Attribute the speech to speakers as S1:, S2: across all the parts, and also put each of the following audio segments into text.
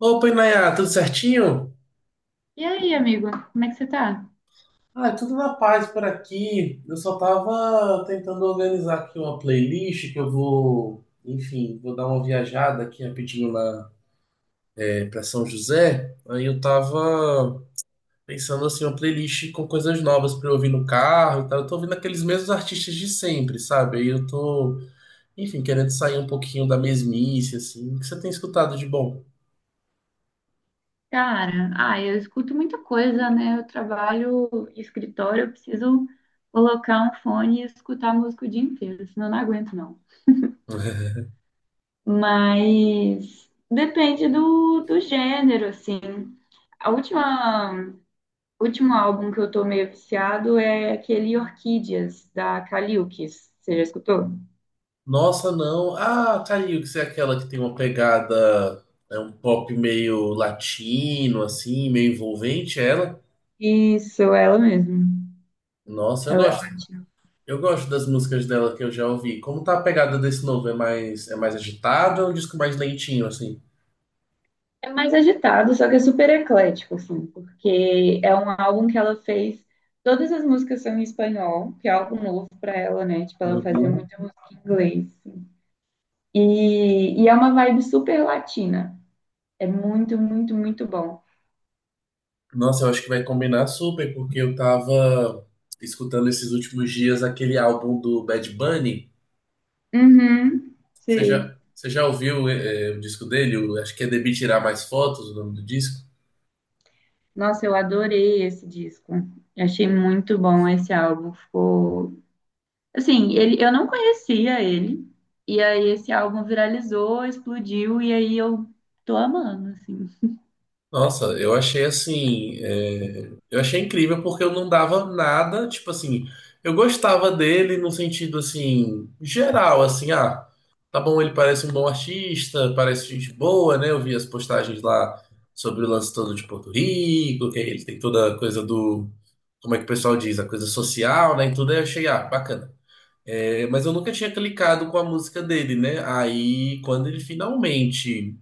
S1: Opa, Inayá, tudo certinho?
S2: E aí, amigo, como é que você tá?
S1: Ah, tudo na paz por aqui. Eu só tava tentando organizar aqui uma playlist que eu vou, enfim, vou dar uma viajada aqui rapidinho lá para São José. Aí eu tava pensando assim, uma playlist com coisas novas para eu ouvir no carro e tal. Eu tô ouvindo aqueles mesmos artistas de sempre, sabe? Aí eu tô, enfim, querendo sair um pouquinho da mesmice, assim. O que você tem escutado de bom?
S2: Cara, eu escuto muita coisa, né? Eu trabalho em escritório, eu preciso colocar um fone e escutar música o dia inteiro, senão eu não aguento, não. Mas depende do gênero, assim. A última, último álbum que eu tô meio viciado é aquele Orquídeas, da Kaliukis. Você já escutou?
S1: Nossa, não. Ah, caiu, que você é aquela que tem uma pegada, é um pop meio latino, assim, meio envolvente, é ela.
S2: Isso, ela mesmo.
S1: Nossa, eu
S2: Ela é
S1: gosto.
S2: ótima.
S1: Eu gosto das músicas dela que eu já ouvi. Como tá a pegada desse novo? É mais agitado ou é um disco mais lentinho, assim?
S2: É mais agitado, só que é super eclético, assim, porque é um álbum que ela fez. Todas as músicas são em espanhol, que é algo novo para ela, né? Tipo, ela fazia
S1: Uhum.
S2: muita música em inglês, assim. E é uma vibe super latina. É muito, muito, muito bom.
S1: Nossa, eu acho que vai combinar super, porque eu tava escutando esses últimos dias aquele álbum do Bad Bunny.
S2: Uhum,
S1: Você
S2: sei.
S1: já, você já ouviu, o disco dele? Acho que é Debir Tirar Mais Fotos, o nome do disco.
S2: Nossa, eu adorei esse disco. Eu achei muito bom esse álbum. Ficou. Assim, ele, eu não conhecia ele. E aí esse álbum viralizou, explodiu, e aí eu tô amando, assim.
S1: Nossa, eu achei assim, eu achei incrível porque eu não dava nada, tipo assim, eu gostava dele no sentido assim, geral, assim, ah, tá bom, ele parece um bom artista, parece gente boa, né? Eu vi as postagens lá sobre o lance todo de Porto Rico, que ele tem toda a coisa do, como é que o pessoal diz, a coisa social, né? E tudo, aí eu achei, ah, bacana. É, mas eu nunca tinha clicado com a música dele, né? Aí, quando ele finalmente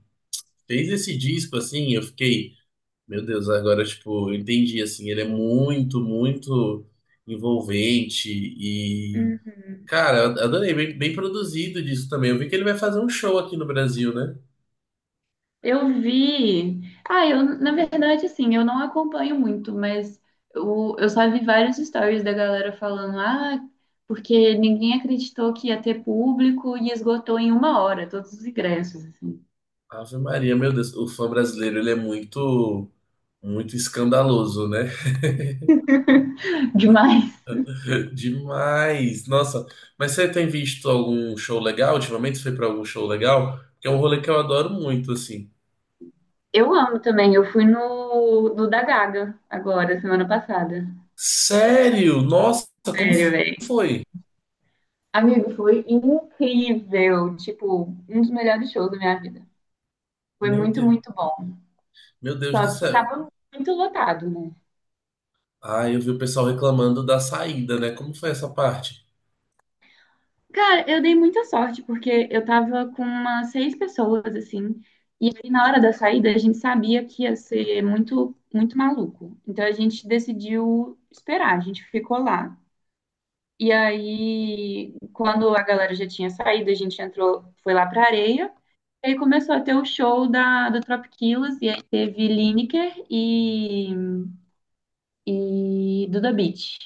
S1: fez esse disco, assim, eu fiquei. Meu Deus, agora, tipo, eu entendi, assim, ele é muito, muito envolvente e,
S2: Uhum.
S1: cara, eu adorei, bem, bem produzido disso também. Eu vi que ele vai fazer um show aqui no Brasil, né?
S2: Eu vi. Ah, eu, na verdade, assim, eu não acompanho muito, mas eu só vi vários stories da galera falando, porque ninguém acreditou que ia ter público e esgotou em uma hora todos os ingressos, assim.
S1: Ave Maria, meu Deus, o fã brasileiro, ele é muito, muito escandaloso, né?
S2: Demais.
S1: Demais! Nossa, mas você tem visto algum show legal? Ultimamente você foi pra algum show legal? Que é um rolê que eu adoro muito, assim.
S2: Eu amo também. Eu fui no da Gaga agora, semana passada.
S1: Sério? Nossa, como
S2: Sério, velho.
S1: foi?
S2: Amigo, foi incrível. Tipo, um dos melhores shows da minha vida. Foi
S1: Meu
S2: muito,
S1: Deus,
S2: muito bom.
S1: meu Deus do
S2: Só que
S1: céu.
S2: tava muito lotado, né?
S1: Ah, eu vi o pessoal reclamando da saída, né? Como foi essa parte?
S2: Cara, eu dei muita sorte, porque eu tava com umas seis pessoas, assim, e aí na hora da saída a gente sabia que ia ser muito, muito maluco. Então a gente decidiu esperar, a gente ficou lá. E aí, quando a galera já tinha saído, a gente entrou, foi lá pra areia, e aí começou a ter o show do Tropiquilos, e aí teve Lineker e Duda Beat.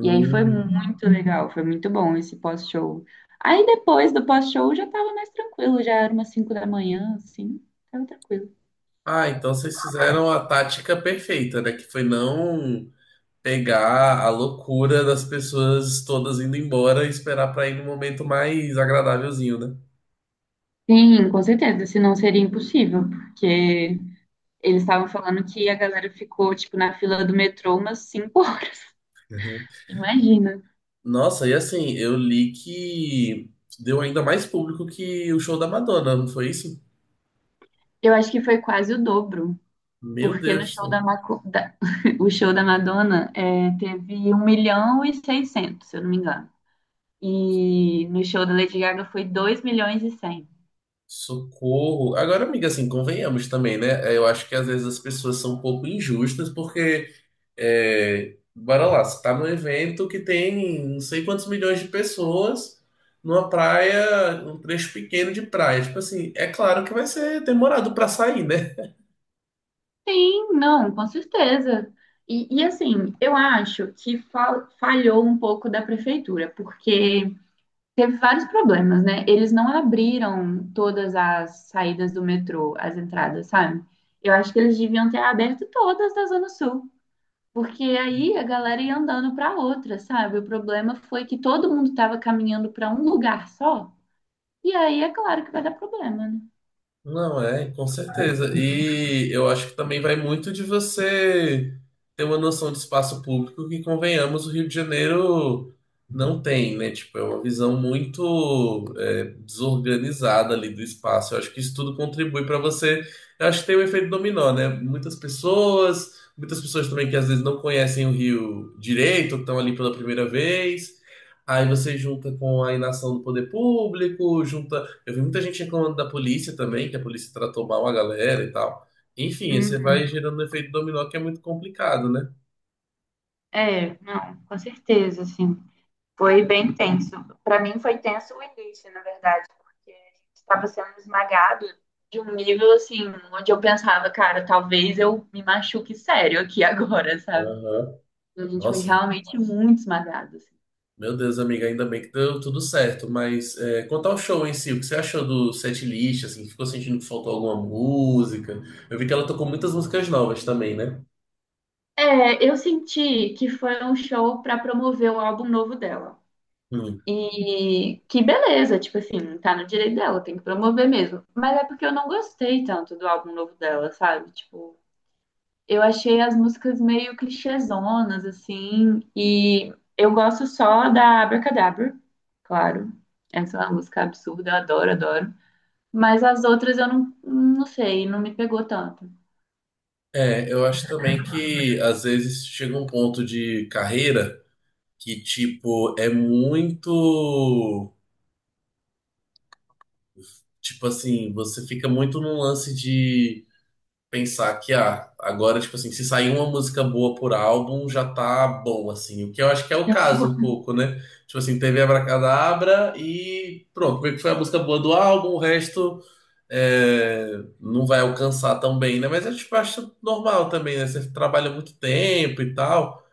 S2: E aí foi muito legal, foi muito bom esse pós-show. Aí depois do pós-show já tava mais tranquilo, já era umas 5 da manhã, assim, tava tranquilo.
S1: Ah, então vocês fizeram a tática perfeita, né? Que foi não pegar a loucura das pessoas todas indo embora e esperar pra ir num momento mais agradávelzinho, né?
S2: Sim, com certeza, senão seria impossível, porque eles estavam falando que a galera ficou, tipo, na fila do metrô umas 5 horas.
S1: Uhum.
S2: Imagina.
S1: Nossa, e assim, eu li que deu ainda mais público que o show da Madonna, não foi isso?
S2: Eu acho que foi quase o dobro,
S1: Meu
S2: porque no
S1: Deus,
S2: show da, Maco... da... o show da Madonna é, teve um milhão e 600, se eu não me engano. E no show da Lady Gaga foi 2 milhões e 100.
S1: socorro. Agora, amiga, assim, convenhamos também, né? Eu acho que às vezes as pessoas são um pouco injustas porque. É, bora lá, você tá num evento que tem não sei quantos milhões de pessoas numa praia, um trecho pequeno de praia. Tipo assim, é claro que vai ser demorado pra sair, né?
S2: Sim, não, com certeza. Assim, eu acho que falhou um pouco da prefeitura, porque teve vários problemas, né? Eles não abriram todas as saídas do metrô, as entradas, sabe? Eu acho que eles deviam ter aberto todas da Zona Sul, porque aí a galera ia andando para outra, sabe? O problema foi que todo mundo estava caminhando para um lugar só, e aí é claro que vai dar problema, né?
S1: Não é, com certeza. E eu acho que também vai muito de você ter uma noção de espaço público que, convenhamos, o Rio de Janeiro não tem, né? Tipo, é uma visão muito desorganizada ali do espaço. Eu acho que isso tudo contribui para você. Eu acho que tem o efeito dominó, né? Muitas pessoas também que às vezes não conhecem o Rio direito, estão ali pela primeira vez. Aí você junta com a inação do poder público, junta. Eu vi muita gente reclamando da polícia também, que a polícia tratou mal a galera e tal. Enfim, aí você vai
S2: Uhum.
S1: gerando um efeito dominó que é muito complicado, né?
S2: É, não, com certeza, assim. Foi bem tenso. Para mim foi tenso o início, na verdade, porque a gente estava sendo esmagado de um nível assim, onde eu pensava, cara, talvez eu me machuque sério aqui agora, sabe?
S1: Aham.
S2: A gente foi
S1: Nossa,
S2: realmente muito esmagado, assim.
S1: meu Deus, amiga, ainda bem que deu tudo certo. Mas é, quanto ao show em si, o que você achou do setlist, assim, ficou sentindo que faltou alguma música? Eu vi que ela tocou muitas músicas novas também, né?
S2: É, eu senti que foi um show para promover o álbum novo dela.
S1: Hum.
S2: E que beleza, tipo assim, tá no direito dela, tem que promover mesmo. Mas é porque eu não gostei tanto do álbum novo dela, sabe? Tipo, eu achei as músicas meio clichêzonas, assim, e eu gosto só da Abracadabra, claro. Essa é uma música absurda, eu adoro, adoro. Mas as outras eu não, não sei, não me pegou tanto.
S1: É, eu acho também que às vezes chega um ponto de carreira que, tipo, é muito. Tipo assim, você fica muito num lance de pensar que, ah, agora, tipo assim, se sair uma música boa por álbum, já tá bom, assim. O que eu acho que é o caso um pouco, né? Tipo assim, teve Abracadabra e pronto, meio que foi a música boa do álbum, o resto é, não vai alcançar tão bem, né? Mas eu tipo, acho normal também, né? Você trabalha muito tempo e tal,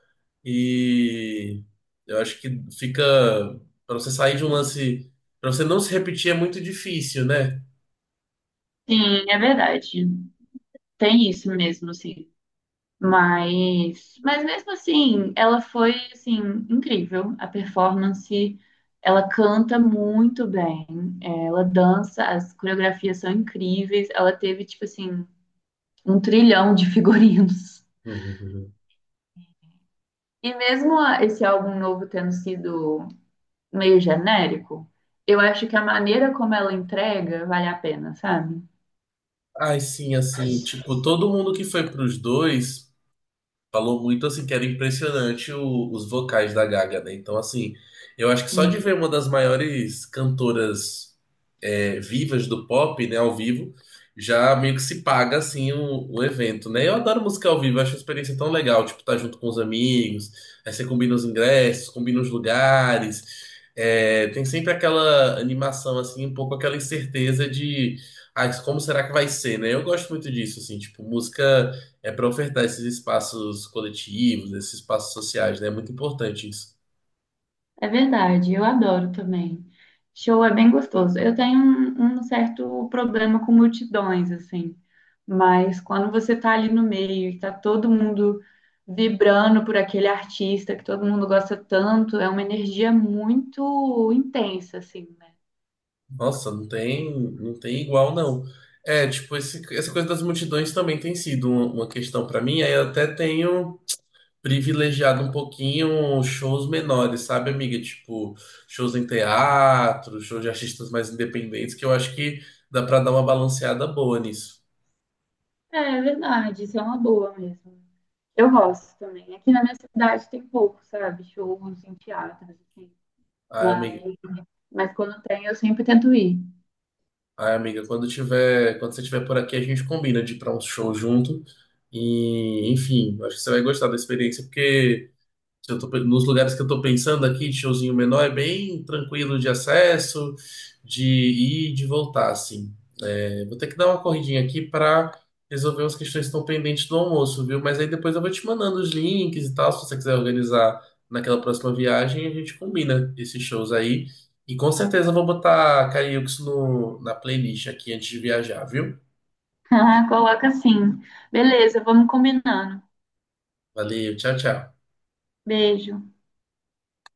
S1: e eu acho que fica. Pra você sair de um lance. Pra você não se repetir é muito difícil, né?
S2: Sim, é verdade. Tem isso mesmo, sim. Mas mesmo assim, ela foi assim incrível. A performance, ela canta muito bem, ela dança, as coreografias são incríveis. Ela teve tipo assim um trilhão de figurinos. E mesmo esse álbum novo tendo sido meio genérico, eu acho que a maneira como ela entrega vale a pena, sabe?
S1: Ai, sim, assim, tipo, todo mundo que foi pros dois falou muito, assim, que era impressionante os vocais da Gaga, né? Então, assim, eu acho que só de
S2: Uhum.
S1: ver uma das maiores cantoras vivas do pop, né, ao vivo, já meio que se paga assim o evento, né? Eu adoro música ao vivo, acho uma experiência tão legal, tipo, tá junto com os amigos, aí você combina os ingressos, combina os lugares. É, tem sempre aquela animação, assim, um pouco aquela incerteza de ah, como será que vai ser, né? Eu gosto muito disso, assim, tipo, música é para ofertar esses espaços coletivos, esses espaços sociais, né? É muito importante isso.
S2: É verdade, eu adoro também. Show é bem gostoso. Eu tenho um certo problema com multidões, assim, mas quando você tá ali no meio e tá todo mundo vibrando por aquele artista que todo mundo gosta tanto, é uma energia muito intensa, assim, né?
S1: Nossa, não tem igual, não. É, tipo, essa coisa das multidões também tem sido uma questão pra mim. Aí eu até tenho privilegiado um pouquinho shows menores, sabe, amiga? Tipo, shows em teatro, shows de artistas mais independentes, que eu acho que dá pra dar uma balanceada boa nisso.
S2: É verdade, isso é uma boa mesmo. Eu gosto também. Aqui na minha cidade tem pouco, sabe? Shows em teatros, assim.
S1: Ai, amiga,
S2: Mas, mas quando tem, eu sempre tento ir.
S1: ai, amiga, quando tiver, quando você estiver por aqui, a gente combina de ir pra um show junto. E, enfim, acho que você vai gostar da experiência, porque. Se eu tô nos lugares que eu tô pensando aqui, de showzinho menor, é bem tranquilo de acesso, de ir e de voltar, assim. É, vou ter que dar uma corridinha aqui para resolver as questões que estão pendentes do almoço, viu? Mas aí depois eu vou te mandando os links e tal, se você quiser organizar naquela próxima viagem, a gente combina esses shows aí. E com certeza eu vou botar Cariúx no na playlist aqui antes de viajar, viu?
S2: Ah, coloca assim. Beleza, vamos combinando.
S1: Valeu, tchau, tchau.
S2: Beijo.